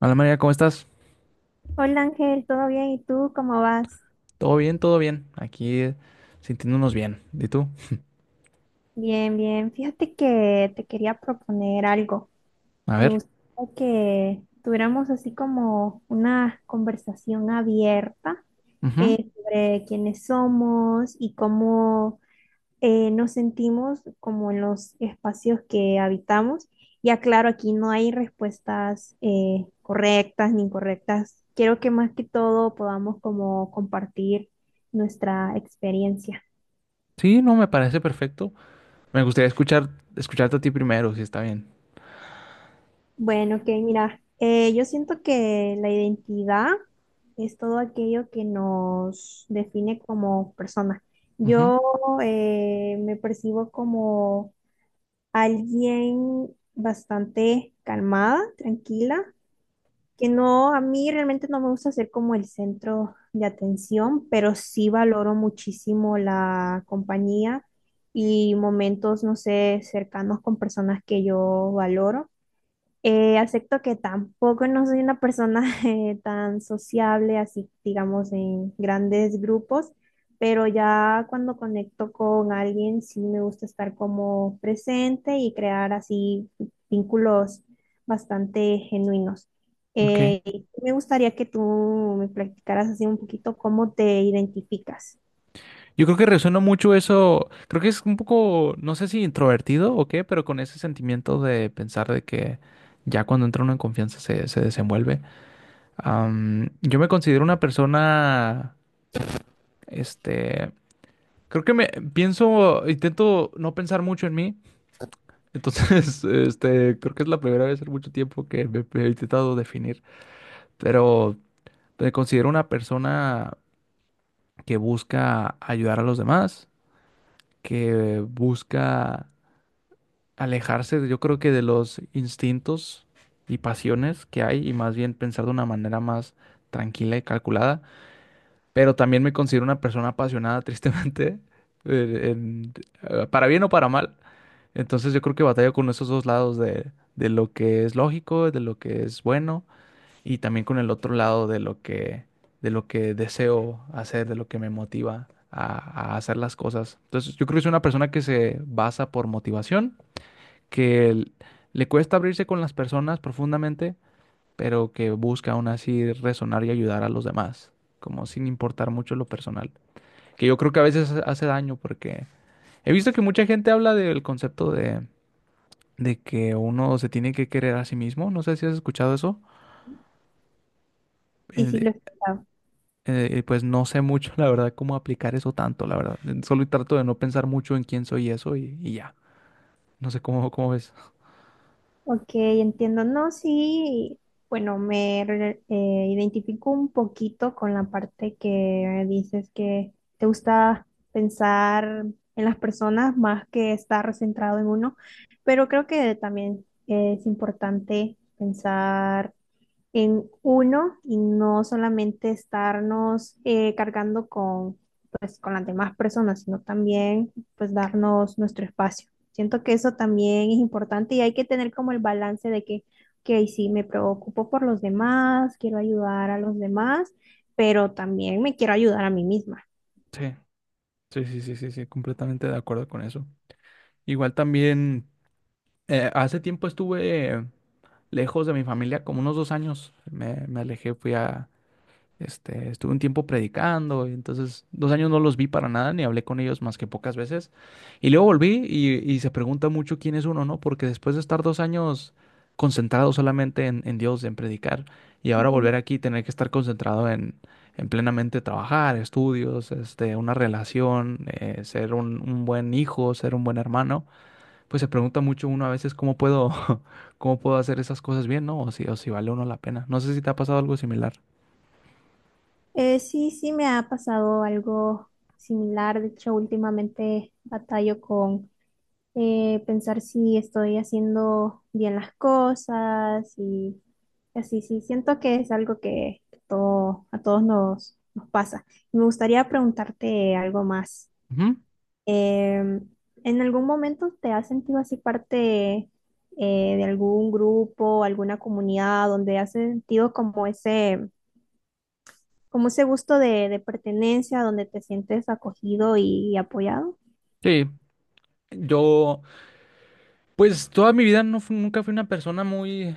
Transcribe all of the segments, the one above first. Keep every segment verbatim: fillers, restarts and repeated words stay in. Hola María, ¿cómo estás? Hola Ángel, ¿todo bien? ¿Y tú cómo vas? ¿Todo bien? ¿Todo bien? Aquí eh, sintiéndonos bien. ¿Y tú? Bien, bien. Fíjate que te quería proponer algo. A Me ver. gustaría que tuviéramos así como una conversación abierta Ujú. eh, sobre quiénes somos y cómo eh, nos sentimos como en los espacios que habitamos. Ya claro, aquí no hay respuestas eh, correctas ni incorrectas. Quiero que más que todo podamos como compartir nuestra experiencia. Sí, no, me parece perfecto. Me gustaría escuchar, escucharte a ti primero, si está bien. Bueno, que mira, eh, yo siento que la identidad es todo aquello que nos define como personas. Ujú. Yo eh, me percibo como alguien bastante calmada, tranquila, que no, a mí realmente no me gusta ser como el centro de atención, pero sí valoro muchísimo la compañía y momentos, no sé, cercanos con personas que yo valoro. Eh, acepto que tampoco no soy una persona eh, tan sociable, así digamos en grandes grupos, pero ya cuando conecto con alguien sí me gusta estar como presente y crear así vínculos bastante genuinos. Ok. Eh, y me gustaría que tú me platicaras así un poquito cómo te identificas. Yo creo que resuena mucho eso. Creo que es un poco, no sé si introvertido o qué, pero con ese sentimiento de pensar de que ya cuando entra uno en confianza se, se desenvuelve. Am, yo me considero una persona, este, creo que me pienso, intento no pensar mucho en mí. Entonces, este, creo que es la primera vez en mucho tiempo que me, me he intentado definir, pero me considero una persona que busca ayudar a los demás, que busca alejarse, de- yo creo que de los instintos y pasiones que hay y más bien pensar de una manera más tranquila y calculada, pero también me considero una persona apasionada, tristemente, en- en- eh, para bien o para mal. Entonces yo creo que batalla con esos dos lados de, de lo que es lógico, de lo que es bueno, y también con el otro lado de lo que, de lo que deseo hacer, de lo que me motiva a, a hacer las cosas. Entonces yo creo que es una persona que se basa por motivación, que l- le cuesta abrirse con las personas profundamente, pero que busca aún así resonar y ayudar a los demás, como sin importar mucho lo personal, que yo creo que a veces hace hace daño porque he visto que mucha gente habla del concepto de de que uno se tiene que querer a sí mismo. No sé si has escuchado eso. Eh, Sí, sí, lo de- he escuchado. eh, pues no sé mucho, la verdad, cómo aplicar eso tanto, la verdad. Eh, Solo trato de no pensar mucho en quién soy y eso y, y ya. No sé cómo, cómo ves. Ok, entiendo. No, sí, bueno, me re- eh, identifico un poquito con la parte que dices que te gusta pensar en las personas más que estar centrado en uno, pero creo que también es importante pensar en uno y no solamente estarnos eh, cargando con, pues, con las demás personas, sino también pues darnos nuestro espacio. Siento que eso también es importante y hay que tener como el balance de que, ok, sí, me preocupo por los demás, quiero ayudar a los demás, pero también me quiero ayudar a mí misma. Sí, sí, sí, sí, sí, sí, completamente de acuerdo con eso. Igual también, eh, hace tiempo estuve lejos de mi familia, como unos dos años. Me, me alejé, fui a, Este, estuve un tiempo predicando, y entonces dos años no los vi para nada, ni hablé con ellos más que pocas veces. Y luego volví y, y se pregunta mucho quién es uno, ¿no? Porque después de estar dos años concentrado solamente en, en Dios, en predicar, y ahora Ujú. volver aquí y tener que estar concentrado en, en plenamente trabajar, estudios, este, una relación, eh, ser un, un buen hijo, ser un buen hermano, pues se pregunta mucho uno a veces cómo puedo, cómo puedo hacer esas cosas bien, ¿no? O si, o si vale uno la pena. No sé si te ha pasado algo similar. Eh, sí, sí, me ha pasado algo similar. De hecho, últimamente batallo con eh, pensar si estoy haciendo bien las cosas y así, sí, siento que es algo que todo, a todos nos, nos pasa. Me gustaría preguntarte algo más. Ujú. Em, ¿en algún momento te has sentido así parte eh, de algún grupo, alguna comunidad donde has sentido como ese, como ese gusto de, de pertenencia, donde te sientes acogido y apoyado? Sí, Yo, pues toda mi vida no fu- nunca fui una persona muy,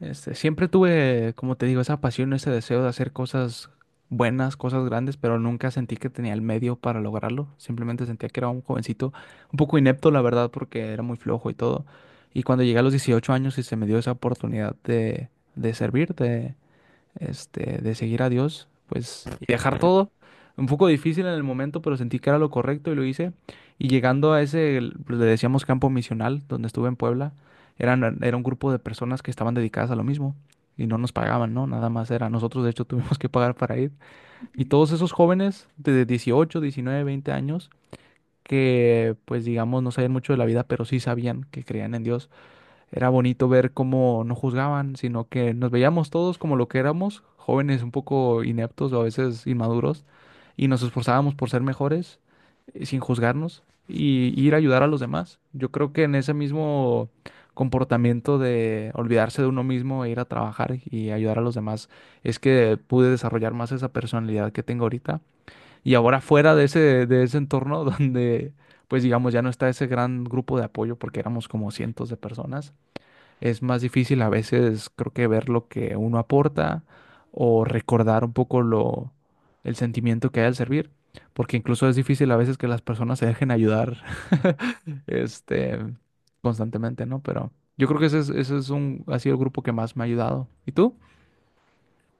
este, siempre tuve, como te digo, esa pasión, ese deseo de hacer cosas buenas, cosas grandes, pero nunca sentí que tenía el medio para lograrlo. Simplemente sentía que era un jovencito, un poco inepto, la verdad, porque era muy flojo y todo. Y cuando llegué a los dieciocho años y se me dio esa oportunidad de, de servir, este, de seguir a Dios, pues, y dejar todo. Un poco difícil en el momento, pero sentí que era lo correcto y lo hice. Y llegando a ese, el- pues, le decíamos campo misional, donde estuve en Puebla, eran, era un grupo de personas que estaban dedicadas a lo mismo y no nos pagaban, ¿no? Nada más era. Nosotros, de hecho, tuvimos que pagar para ir. Y todos esos jóvenes de dieciocho, diecinueve, veinte años, que pues digamos no sabían mucho de la vida, pero sí sabían que creían en Dios, era bonito ver cómo no juzgaban, sino que nos veíamos todos como lo que éramos, jóvenes un poco ineptos o a veces inmaduros, y nos esforzábamos por ser mejores eh, sin juzgarnos y y ir a ayudar a los demás. Yo creo que en ese mismo comportamiento de olvidarse de uno mismo e ir a trabajar y ayudar a los demás es que pude desarrollar más esa personalidad que tengo ahorita. Y ahora fuera de ese, de ese, entorno donde, pues digamos, ya no está ese gran grupo de apoyo porque éramos como cientos de personas, es más difícil a veces, creo que ver lo que uno aporta o recordar un poco lo, el sentimiento que hay al servir, porque incluso es difícil a veces que las personas se dejen ayudar, este, constantemente, ¿no? Pero yo creo que ese es, ese es un, ha sido el grupo que más me ha ayudado. ¿Y tú?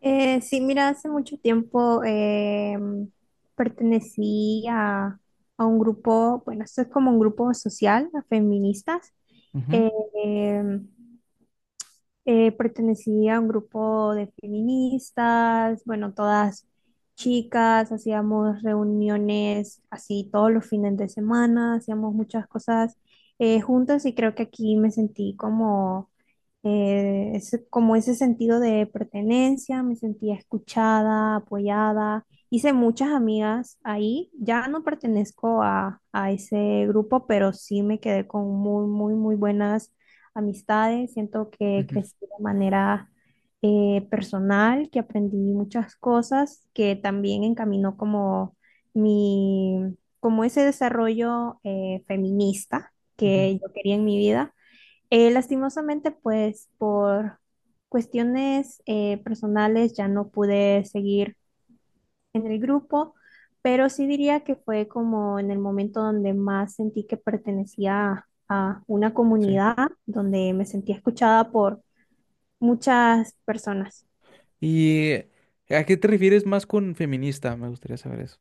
Eh, sí, mira, hace mucho tiempo em, pertenecí a, a un grupo, bueno, esto es como un grupo social, a feministas, Ujú, eh, em, eh, pertenecía a un grupo de feministas, bueno, todas chicas, hacíamos reuniones así todos los fines de semana, hacíamos muchas cosas eh, juntas y creo que aquí me sentí como, eh, ese- como ese sentido de pertenencia, me sentía escuchada, apoyada. Hice muchas amigas ahí, ya no pertenezco a, a ese grupo, pero sí me quedé con muy, muy, muy buenas amistades, siento que ujú, crecí de manera eh, personal, que aprendí muchas cosas, que también encaminó como mi, como ese desarrollo eh, feminista ujú. que yo quería en mi vida. Eh, lastimosamente, pues por cuestiones eh, personales ya no pude seguir en el grupo, pero sí diría que fue como en el momento donde más sentí que pertenecía a una Sí. comunidad, donde me sentía escuchada por muchas personas. ¿Y a qué te refieres más con feminista? Me gustaría saber eso.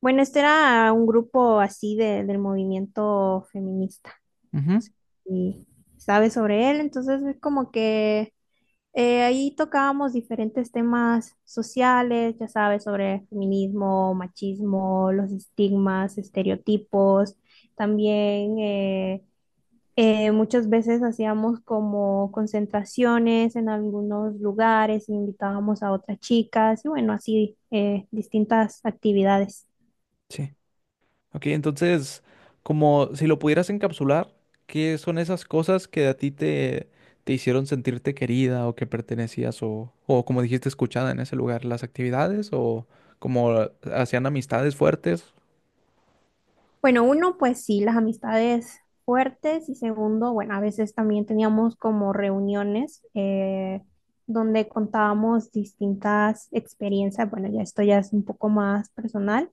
Bueno, este era un grupo así de- del movimiento feminista. Ujú. Y sabes sobre él, entonces es como que Eh, ahí tocábamos diferentes temas sociales, ya sabes, sobre feminismo, machismo, los estigmas, estereotipos. También eh, eh, muchas veces hacíamos como concentraciones en algunos lugares, invitábamos a otras chicas y bueno, así eh, distintas actividades. Sí. Ok, entonces, como si lo pudieras encapsular, ¿qué son esas cosas que a ti te, te hicieron sentirte querida o que pertenecías o, o como dijiste, escuchada en ese lugar? ¿Las actividades o como hacían amistades fuertes? Bueno, uno, pues sí, las amistades fuertes y segundo, bueno, a veces también teníamos como reuniones eh, donde contábamos distintas experiencias, bueno, ya esto ya es un poco más personal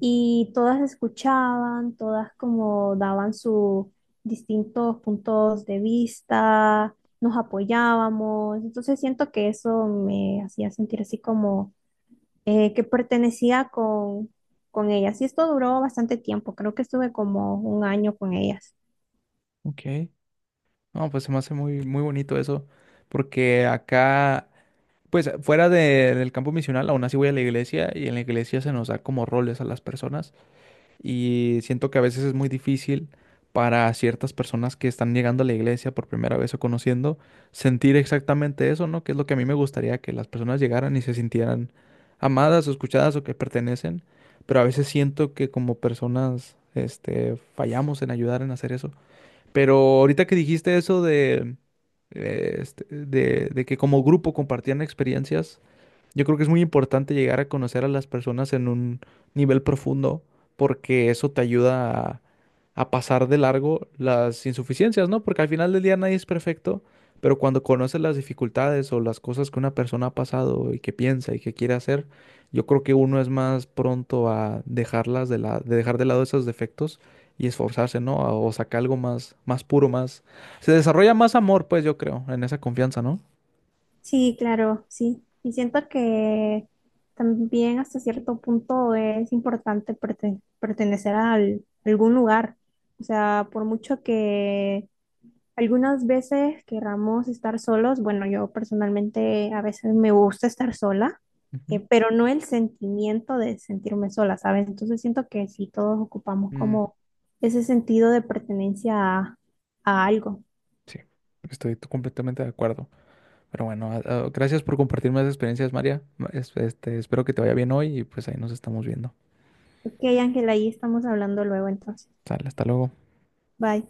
y todas escuchaban, todas como daban sus distintos puntos de vista, nos apoyábamos, entonces siento que eso me hacía sentir así como eh, que pertenecía con, con ellas. Y esto duró bastante tiempo, creo que estuve como un año con ellas. Ok, no, pues se me hace muy, muy bonito eso, porque acá, pues fuera de- del campo misional, aún así voy a la iglesia y en la iglesia se nos da como roles a las personas. Y siento que a veces es muy difícil para ciertas personas que están llegando a la iglesia por primera vez o conociendo, sentir exactamente eso, ¿no? Que es lo que a mí me gustaría, que las personas llegaran y se sintieran amadas o escuchadas o que pertenecen. Pero a veces siento que como personas, este, fallamos en ayudar en hacer eso. Pero ahorita que dijiste eso de, eh, este, de, de que como grupo compartían experiencias, yo creo que es muy importante llegar a conocer a las personas en un nivel profundo porque eso te ayuda a, a pasar de largo las insuficiencias, ¿no? Porque al final del día nadie es perfecto, pero cuando conoces las dificultades o las cosas que una persona ha pasado y que piensa y que quiere hacer, yo creo que uno es más pronto a dejarlas de la, de dejar de lado esos defectos y esforzarse, ¿no? O sacar algo más, más puro, más. Se desarrolla más amor, pues yo creo, en esa confianza, ¿no? Sí, claro, sí. Y siento que también hasta cierto punto es importante perte- pertenecer a al- algún lugar. O sea, por mucho que algunas veces querramos estar solos. Bueno, yo personalmente a veces me gusta estar sola, eh, Ujú. pero no el sentimiento de sentirme sola, ¿sabes? Entonces siento que sí, todos ocupamos Mm. como ese sentido de pertenencia a, a algo. Sí, estoy t- completamente de acuerdo. Pero bueno, a- a- gracias por compartirme las experiencias, María. Ma- es- Este, espero que te vaya bien hoy y pues ahí nos estamos viendo. Ok, Ángela, ahí estamos hablando luego entonces. Sale, hasta luego. Bye.